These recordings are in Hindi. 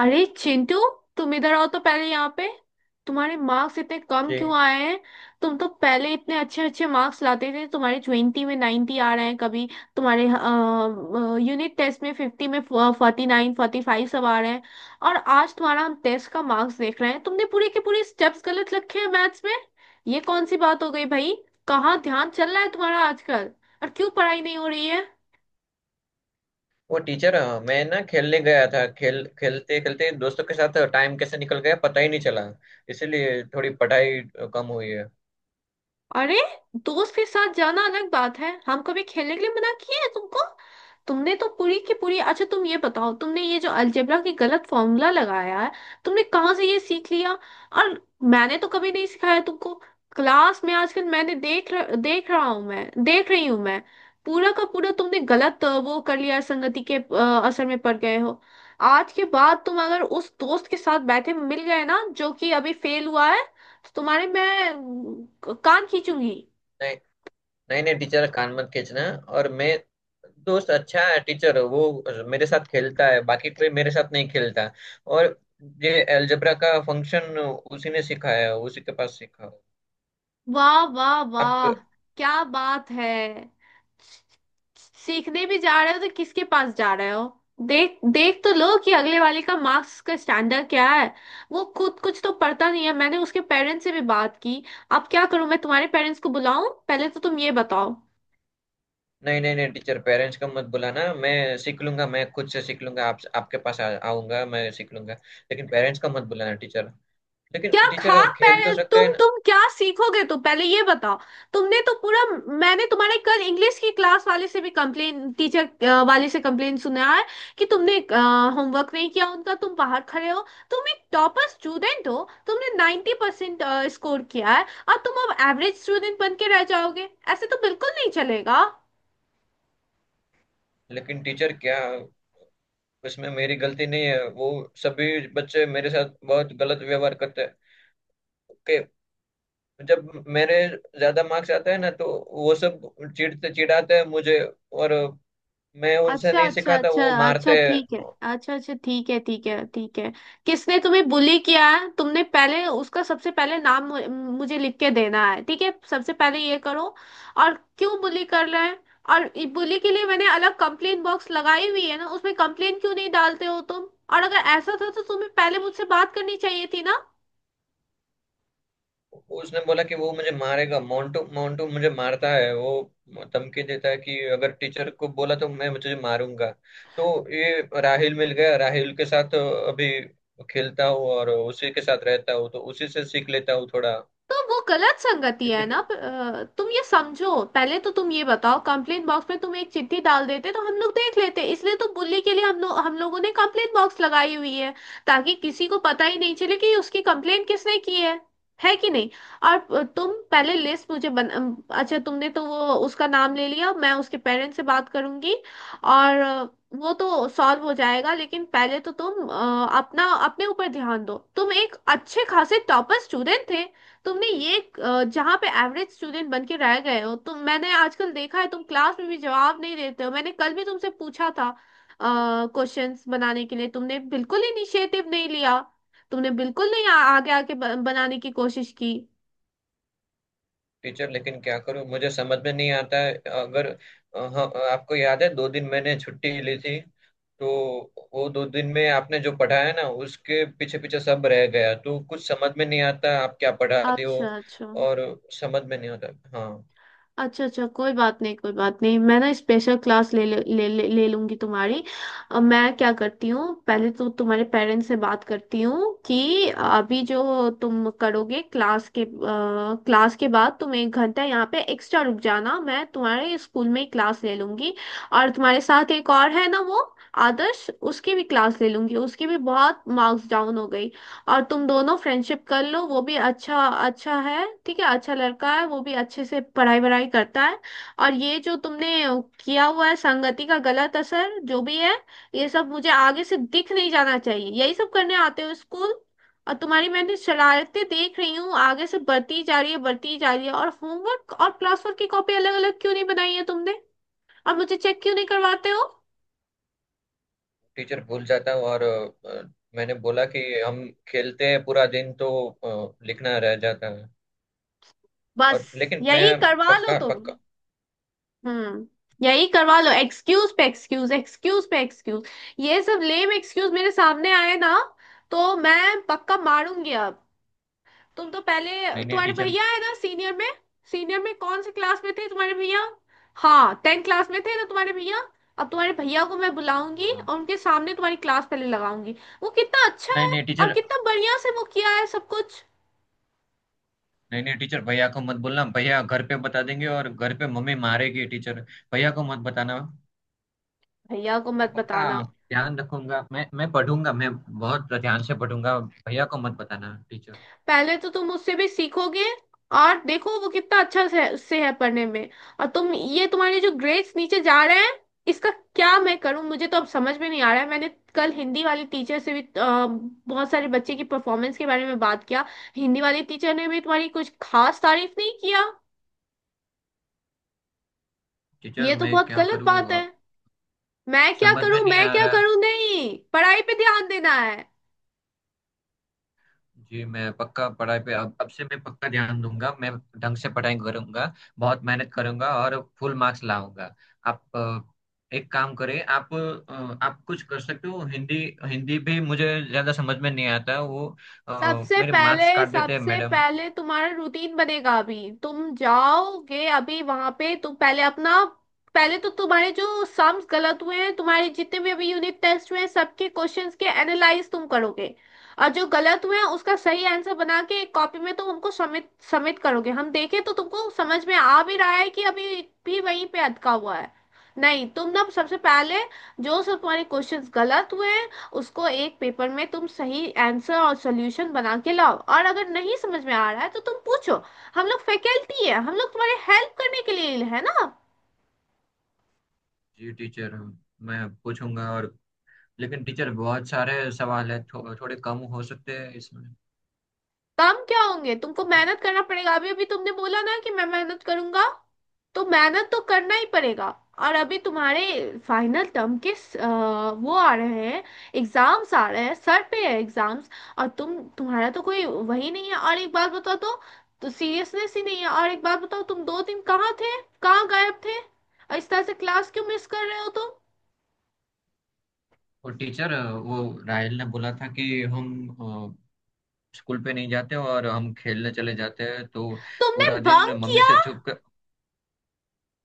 अरे चिंटू, तुम इधर आओ तो पहले। यहाँ पे तुम्हारे मार्क्स इतने कम क्यों जी। आए हैं। तुम तो पहले इतने अच्छे अच्छे मार्क्स लाते थे। तुम्हारे 20 में 90 आ रहे हैं कभी। तुम्हारे यूनिट टेस्ट में 50 में 49, 45 सब आ रहे हैं। और आज तुम्हारा हम टेस्ट का मार्क्स देख रहे हैं, तुमने पूरे के पूरे स्टेप्स गलत रखे हैं मैथ्स में। ये कौन सी बात हो गई भाई। कहाँ ध्यान चल रहा है तुम्हारा आजकल। और क्यों पढ़ाई नहीं हो रही है। वो टीचर, मैं ना खेलने गया था। खेल खेलते खेलते दोस्तों के साथ टाइम कैसे निकल गया पता ही नहीं चला। इसीलिए थोड़ी पढ़ाई कम हुई है। अरे, दोस्त के साथ जाना अलग बात है, हम कभी खेलने के लिए मना किए हैं तुमको? तुमने तो पूरी की पूरी। अच्छा तुम ये बताओ, तुमने ये जो अलजेब्रा की गलत फॉर्मूला लगाया है, तुमने कहाँ से ये सीख लिया? और मैंने तो कभी नहीं सिखाया तुमको। क्लास में आजकल मैंने देख रही हूँ मैं। पूरा का पूरा तुमने गलत वो कर लिया है, संगति के असर में पड़ गए हो। आज के बाद तुम अगर उस दोस्त के साथ बैठे मिल गए ना जो कि अभी फेल हुआ है, तो तुम्हारे मैं कान खींचूंगी। नहीं नहीं नहीं टीचर, कान मत खींचना। और मैं, दोस्त अच्छा है टीचर। वो मेरे साथ खेलता है, बाकी कोई मेरे साथ नहीं खेलता। और ये एलजेब्रा का फंक्शन उसी ने सिखाया, उसी के पास सीखा। वाह वाह आप, वाह, क्या बात है। सीखने भी जा रहे हो तो किसके पास जा रहे हो? देख देख तो लो कि अगले वाले का मार्क्स का स्टैंडर्ड क्या है। वो खुद कुछ तो पढ़ता नहीं है, मैंने उसके पेरेंट्स से भी बात की। अब क्या करूं, मैं तुम्हारे पेरेंट्स को बुलाऊं? पहले तो तुम ये बताओ। नहीं नहीं नहीं टीचर, पेरेंट्स को मत बुलाना। मैं सीख लूंगा, मैं खुद से सीख लूंगा। आप, आपके पास आऊंगा, मैं सीख लूंगा। लेकिन पेरेंट्स का मत बुलाना टीचर। लेकिन क्या खा। टीचर खेल तो पहले सकते हैं तुम ना। तुम क्या सीखोगे, तो पहले ये बताओ। तुमने तो पूरा। मैंने तुम्हारे कल इंग्लिश की क्लास वाले से भी कंप्लेन, टीचर वाले से कंप्लेन सुना है कि तुमने होमवर्क नहीं किया उनका, तुम बाहर खड़े हो। तुम एक टॉपर स्टूडेंट हो, तुमने 90% परसेंट स्कोर किया है। और तुम अब एवरेज स्टूडेंट बन के रह जाओगे, ऐसे तो बिल्कुल नहीं चलेगा। लेकिन टीचर क्या, उसमें मेरी गलती नहीं है। वो सभी बच्चे मेरे साथ बहुत गलत व्यवहार करते हैं कि जब मेरे ज्यादा मार्क्स आते हैं ना तो वो सब चिढ़ते चिढ़ाते हैं मुझे। और मैं उनसे अच्छा नहीं अच्छा सिखाता, अच्छा वो मारते अच्छा, ठीक है। अच्छा अच्छा, ठीक है ठीक हैं। है ठीक है। किसने तुम्हें बुली किया है, तुमने पहले उसका, सबसे पहले नाम मुझे लिख के देना है, ठीक है? सबसे पहले ये करो। और क्यों बुली कर रहे हैं? और बुली के लिए मैंने अलग कंप्लेन बॉक्स लगाई हुई है ना, उसमें कंप्लेन क्यों नहीं डालते हो तुम? और अगर ऐसा था तो तुम्हें पहले मुझसे बात करनी चाहिए थी ना। उसने बोला कि वो मुझे मारेगा। मोंटू, मोंटू मुझे मारता है। वो धमकी देता है कि अगर टीचर को बोला तो मैं तुझे मारूंगा। तो ये राहिल मिल गया। राहिल के साथ अभी खेलता हूँ और उसी के साथ रहता हूँ, तो उसी से सीख लेता हूँ थोड़ा। तो वो गलत संगति है इसीलिए ना। तुम ये समझो। पहले तो तुम ये बताओ, कंप्लेंट बॉक्स में तुम एक चिट्ठी डाल देते तो हम लोग देख लेते, इसलिए तो बुल्ली के लिए हम लोगों ने कंप्लेंट बॉक्स लगाई हुई है, ताकि किसी को पता ही नहीं चले कि उसकी कंप्लेंट किसने की है। है कि नहीं? और तुम पहले लिस्ट मुझे बन, अच्छा, तुमने तो वो उसका नाम ले लिया, मैं उसके पेरेंट्स से बात करूंगी। और वो तो सॉल्व हो जाएगा, लेकिन पहले तो तुम अ, अपना अपने ऊपर ध्यान दो। तुम एक अच्छे खासे टॉपर स्टूडेंट थे। तुमने ये जहाँ पे एवरेज स्टूडेंट बन के रह गए हो तुम। मैंने आजकल देखा है, तुम क्लास में भी जवाब नहीं देते हो, मैंने कल भी तुमसे पूछा था। क्वेश्चंस बनाने के लिए तुमने बिल्कुल इनिशिएटिव नहीं लिया। तुमने बिल्कुल नहीं आगे आके बनाने की कोशिश की। टीचर, लेकिन क्या करूँ, मुझे समझ में नहीं आता है। अगर, हाँ, आपको याद है दो दिन मैंने छुट्टी ली थी। तो वो दो दिन में आपने जो पढ़ाया ना, उसके पीछे पीछे सब रह गया। तो कुछ समझ में नहीं आता, आप क्या पढ़ाते हो। अच्छा अच्छा और समझ में नहीं आता। हाँ, अच्छा अच्छा, कोई बात नहीं, कोई बात नहीं। मैं ना स्पेशल क्लास ले ले ले ले ले लूंगी तुम्हारी। अब मैं क्या करती हूँ, पहले तो तुम्हारे पेरेंट्स से बात करती हूँ कि अभी जो तुम करोगे क्लास के बाद, तुम एक घंटा यहाँ पे एक्स्ट्रा रुक जाना, मैं तुम्हारे स्कूल में ही क्लास ले लूंगी। और तुम्हारे साथ एक और है ना, वो आदर्श, उसकी भी क्लास ले लूंगी, उसकी भी बहुत मार्क्स डाउन हो गई। और तुम दोनों फ्रेंडशिप कर लो, वो भी अच्छा, अच्छा है, ठीक है, अच्छा लड़का है, वो भी अच्छे से पढ़ाई वढ़ाई करता है। और ये जो तुमने किया हुआ है, संगति का गलत असर जो भी है, ये सब मुझे आगे से दिख नहीं जाना चाहिए। यही सब करने आते हो स्कूल? और तुम्हारी मैंने शरारतें देख रही हूँ आगे से बढ़ती जा रही है, बढ़ती जा रही है। और होमवर्क और क्लास वर्क की कॉपी अलग अलग क्यों नहीं बनाई है तुमने, और मुझे चेक क्यों नहीं करवाते हो? टीचर भूल जाता हूँ। मैंने बोला कि हम खेलते हैं पूरा दिन, तो लिखना रह जाता है। बस। और लेकिन यही मैं करवा लो पक्का तुम। पक्का हम्म। यही करवा लो, एक्सक्यूज पे एक्सक्यूज, एक्सक्यूज पे एक्सक्यूज। ये सब लेम एक्सक्यूज मेरे सामने आए ना, तो मैं पक्का मारूंगी अब। तुम तो पहले, तुम्हारे टीचर। भैया है ना सीनियर में, सीनियर में कौन से क्लास में थे तुम्हारे भैया? हाँ, 10th क्लास में थे ना तुम्हारे भैया। अब तुम्हारे भैया को मैं बुलाऊंगी हाँ। और उनके सामने तुम्हारी क्लास पहले लगाऊंगी। वो कितना अच्छा नहीं है, नहीं और टीचर, कितना बढ़िया से वो किया है सब कुछ। नहीं नहीं टीचर, भैया को मत बोलना। भैया घर पे बता देंगे और घर पे मम्मी मारेगी टीचर। भैया को मत बताना। भैया को मैं मत पक्का बताना। ध्यान रखूंगा। मैं पढ़ूंगा, मैं बहुत ध्यान से पढ़ूंगा। भैया को मत बताना टीचर। पहले तो तुम उससे भी सीखोगे, और देखो वो कितना अच्छा से है पढ़ने में। और तुम ये, तुम्हारे जो ग्रेड्स नीचे जा रहे हैं इसका क्या मैं करूं? मुझे तो अब समझ में नहीं आ रहा है। मैंने कल हिंदी वाली टीचर से भी बहुत सारे बच्चे की परफॉर्मेंस के बारे में बात किया, हिंदी वाली टीचर ने भी तुम्हारी कुछ खास तारीफ नहीं किया। टीचर ये तो मैं बहुत क्या गलत करूँ बात है। अब, मैं क्या समझ में करूं, नहीं मैं आ क्या रहा। करूं? नहीं, पढ़ाई पे ध्यान देना है। जी, मैं पक्का पढ़ाई पे, अब से मैं पक्का ध्यान दूंगा। मैं ढंग से पढ़ाई करूंगा, बहुत मेहनत करूंगा और फुल मार्क्स लाऊंगा। आप एक काम करें। आप कुछ कर सकते हो हिंदी, हिंदी भी मुझे ज्यादा समझ में नहीं आता। वो, अ, सबसे मेरे पहले, मार्क्स काट देते हैं सबसे मैडम। पहले तुम्हारा रूटीन बनेगा। अभी तुम जाओगे, अभी वहां पे तुम पहले अपना, पहले तो तुम्हारे जो सम्स गलत हुए हैं, तुम्हारे जितने भी अभी यूनिट टेस्ट हुए हैं, सबके क्वेश्चंस के एनालाइज तुम करोगे। और जो गलत हुए हैं उसका सही आंसर बना के एक कॉपी में तुम हमको सबमिट सबमिट करोगे, हम देखें तो तुमको समझ में आ भी रहा है कि अभी भी वहीं पे अटका हुआ है। नहीं, तुम ना सबसे पहले जो सब तुम्हारे क्वेश्चंस गलत हुए हैं, उसको एक पेपर में तुम सही आंसर और सॉल्यूशन बना के लाओ। और अगर नहीं समझ में आ रहा है तो तुम पूछो, हम लोग फैकल्टी है, हम लोग तुम्हारे हेल्प करने के लिए है ना। जी टीचर, मैं पूछूंगा। और लेकिन टीचर बहुत सारे सवाल है, थोड़े कम हो सकते हैं इसमें काम क्या होंगे, तुमको टीचर। मेहनत करना पड़ेगा। अभी अभी तुमने बोला ना कि मैं मेहनत करूंगा, तो मेहनत तो करना ही पड़ेगा। और अभी तुम्हारे फाइनल टर्म के अ, वो आ रहे हैं, एग्जाम्स आ रहे हैं, सर पे है एग्जाम्स। और तुम, तुम्हारा तो कोई वही नहीं है, और एक बात बताओ तो सीरियसनेस ही नहीं है। और एक बात बताओ, तुम दो दिन कहाँ थे? कहाँ गायब थे? और इस तरह से क्लास क्यों मिस कर रहे हो तुम? और टीचर वो राहिल ने बोला था कि हम स्कूल पे नहीं जाते और हम खेलने चले जाते हैं। तो तुमने पूरा दिन बंक मम्मी किया? से छुप कर।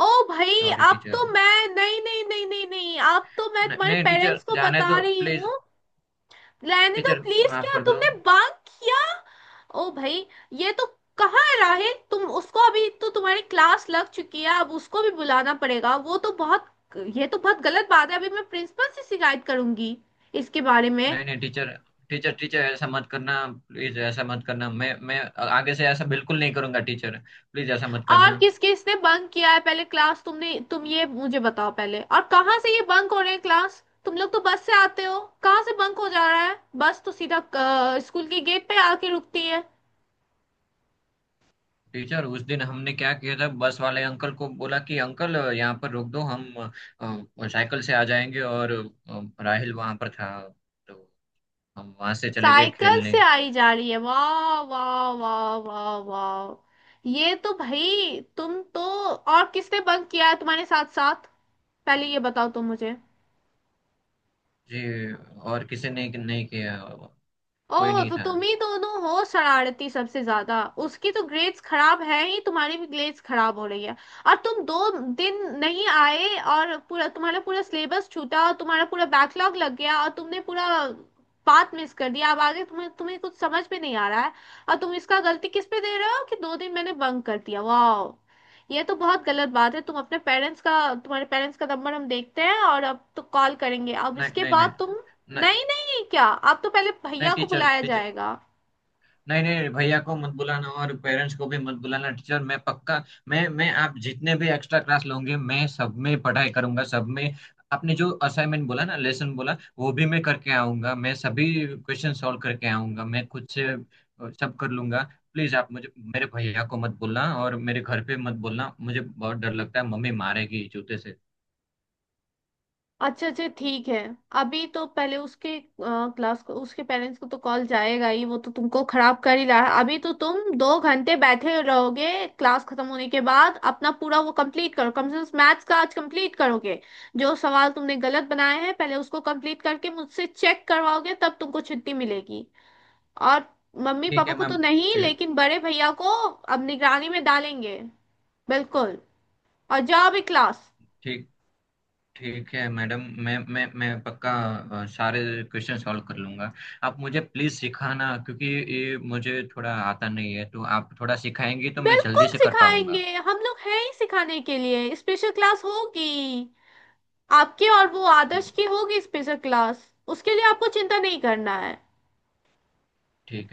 ओ भाई। सॉरी अब तो टीचर। मैं, नहीं नहीं नहीं नहीं नहीं, अब तो मैं नहीं तुम्हारे नहीं टीचर, पेरेंट्स को जाने बता दो रही प्लीज। हूँ। रहने दो टीचर प्लीज, माफ क्या कर दो। तुमने बांक किया? ओ भाई, ये तो। कहाँ है राहिल, तुम उसको, अभी तो तुम्हारी क्लास लग चुकी है, अब उसको भी बुलाना पड़ेगा, वो तो बहुत, ये तो बहुत गलत बात है। अभी मैं प्रिंसिपल से शिकायत करूंगी इसके बारे में। नहीं नहीं टीचर, टीचर टीचर ऐसा मत करना, प्लीज ऐसा मत करना। मैं आगे से ऐसा बिल्कुल नहीं करूंगा टीचर, प्लीज ऐसा मत और करना। किस किसने बंक किया है पहले क्लास, तुमने, तुम ये मुझे बताओ पहले। और कहाँ से ये बंक हो रहे हैं क्लास, तुम लोग तो बस से आते हो, कहाँ से बंक हो जा रहा है? बस तो सीधा स्कूल के गेट पे आके रुकती है। टीचर उस दिन हमने क्या किया था, बस वाले अंकल को बोला कि अंकल यहाँ पर रोक दो, हम साइकिल से आ जाएंगे। और राहिल वहां पर था, तो हम वहां से चले गए साइकिल खेलने। से आई जा रही है, वाह वाह वाह वाह वाह, ये तो भाई, तुम तो। और किसने बंक किया है तुम्हारे साथ साथ? पहले ये बताओ तुम मुझे। जी, और किसी ने नहीं किया, कोई ओह, नहीं तो था। तुम ही दोनों हो शरारती सबसे ज्यादा, उसकी तो ग्रेड्स खराब है ही, तुम्हारी भी ग्रेड्स खराब हो रही है। और तुम दो दिन नहीं आए, और पूरा तुम्हारा, पूरा सिलेबस छूटा और तुम्हारा पूरा बैकलॉग लग गया, और तुमने पूरा बात मिस कर दिया, अब आगे तुम्हें तुम्हें कुछ समझ में नहीं आ रहा है। और तुम इसका गलती किस पे दे रहे हो कि दो दिन मैंने बंक कर दिया? वाह, ये तो बहुत गलत बात है। तुम अपने पेरेंट्स का, तुम्हारे पेरेंट्स का नंबर हम देखते हैं, और अब तो कॉल करेंगे, अब नहीं इसके नहीं नहीं बाद तुम। नहीं नहीं नहीं क्या? अब तो पहले नहीं भैया को टीचर, बुलाया टीचर, जाएगा। नहीं नहीं भैया को मत बुलाना और पेरेंट्स को भी मत बुलाना टीचर। मैं पक्का, मैं आप जितने भी एक्स्ट्रा क्लास लोगे मैं सब में पढ़ाई करूंगा, सब में। आपने जो असाइनमेंट बोला ना, लेसन बोला, वो भी मैं करके आऊंगा। मैं सभी क्वेश्चन सॉल्व करके आऊंगा। मैं खुद से सब कर लूंगा। प्लीज आप मुझे, मेरे भैया को मत बोलना और मेरे घर पे मत बोलना। मुझे बहुत डर लगता है, मम्मी मारेगी जूते से। अच्छा अच्छा, ठीक है। अभी तो पहले उसके क्लास को, उसके पेरेंट्स को तो कॉल जाएगा ही, वो तो तुमको खराब कर ही रहा है। अभी तो तुम दो घंटे बैठे रहोगे क्लास खत्म होने के बाद, अपना पूरा वो कंप्लीट करो, कम से कम मैथ्स का आज कंप्लीट करोगे। जो सवाल तुमने गलत बनाए हैं पहले उसको कंप्लीट करके मुझसे चेक करवाओगे, तब तुमको छुट्टी मिलेगी। और मम्मी ठीक पापा है को तो मैम। नहीं, जी। लेकिन बड़े भैया को अब निगरानी में डालेंगे। बिल्कुल। और जाओ भी क्लास। ठीक, ठीक है मैडम। मैं पक्का सारे क्वेश्चन सॉल्व कर लूंगा। आप मुझे प्लीज सिखाना, क्योंकि ये मुझे थोड़ा आता नहीं है। तो आप थोड़ा सिखाएंगी तो मैं बिल्कुल जल्दी से कर सिखाएंगे, पाऊंगा। हम लोग हैं ही सिखाने के लिए, स्पेशल क्लास होगी। आपके और वो जी, आदर्श की होगी स्पेशल क्लास। उसके लिए आपको चिंता नहीं करना है। ठीक।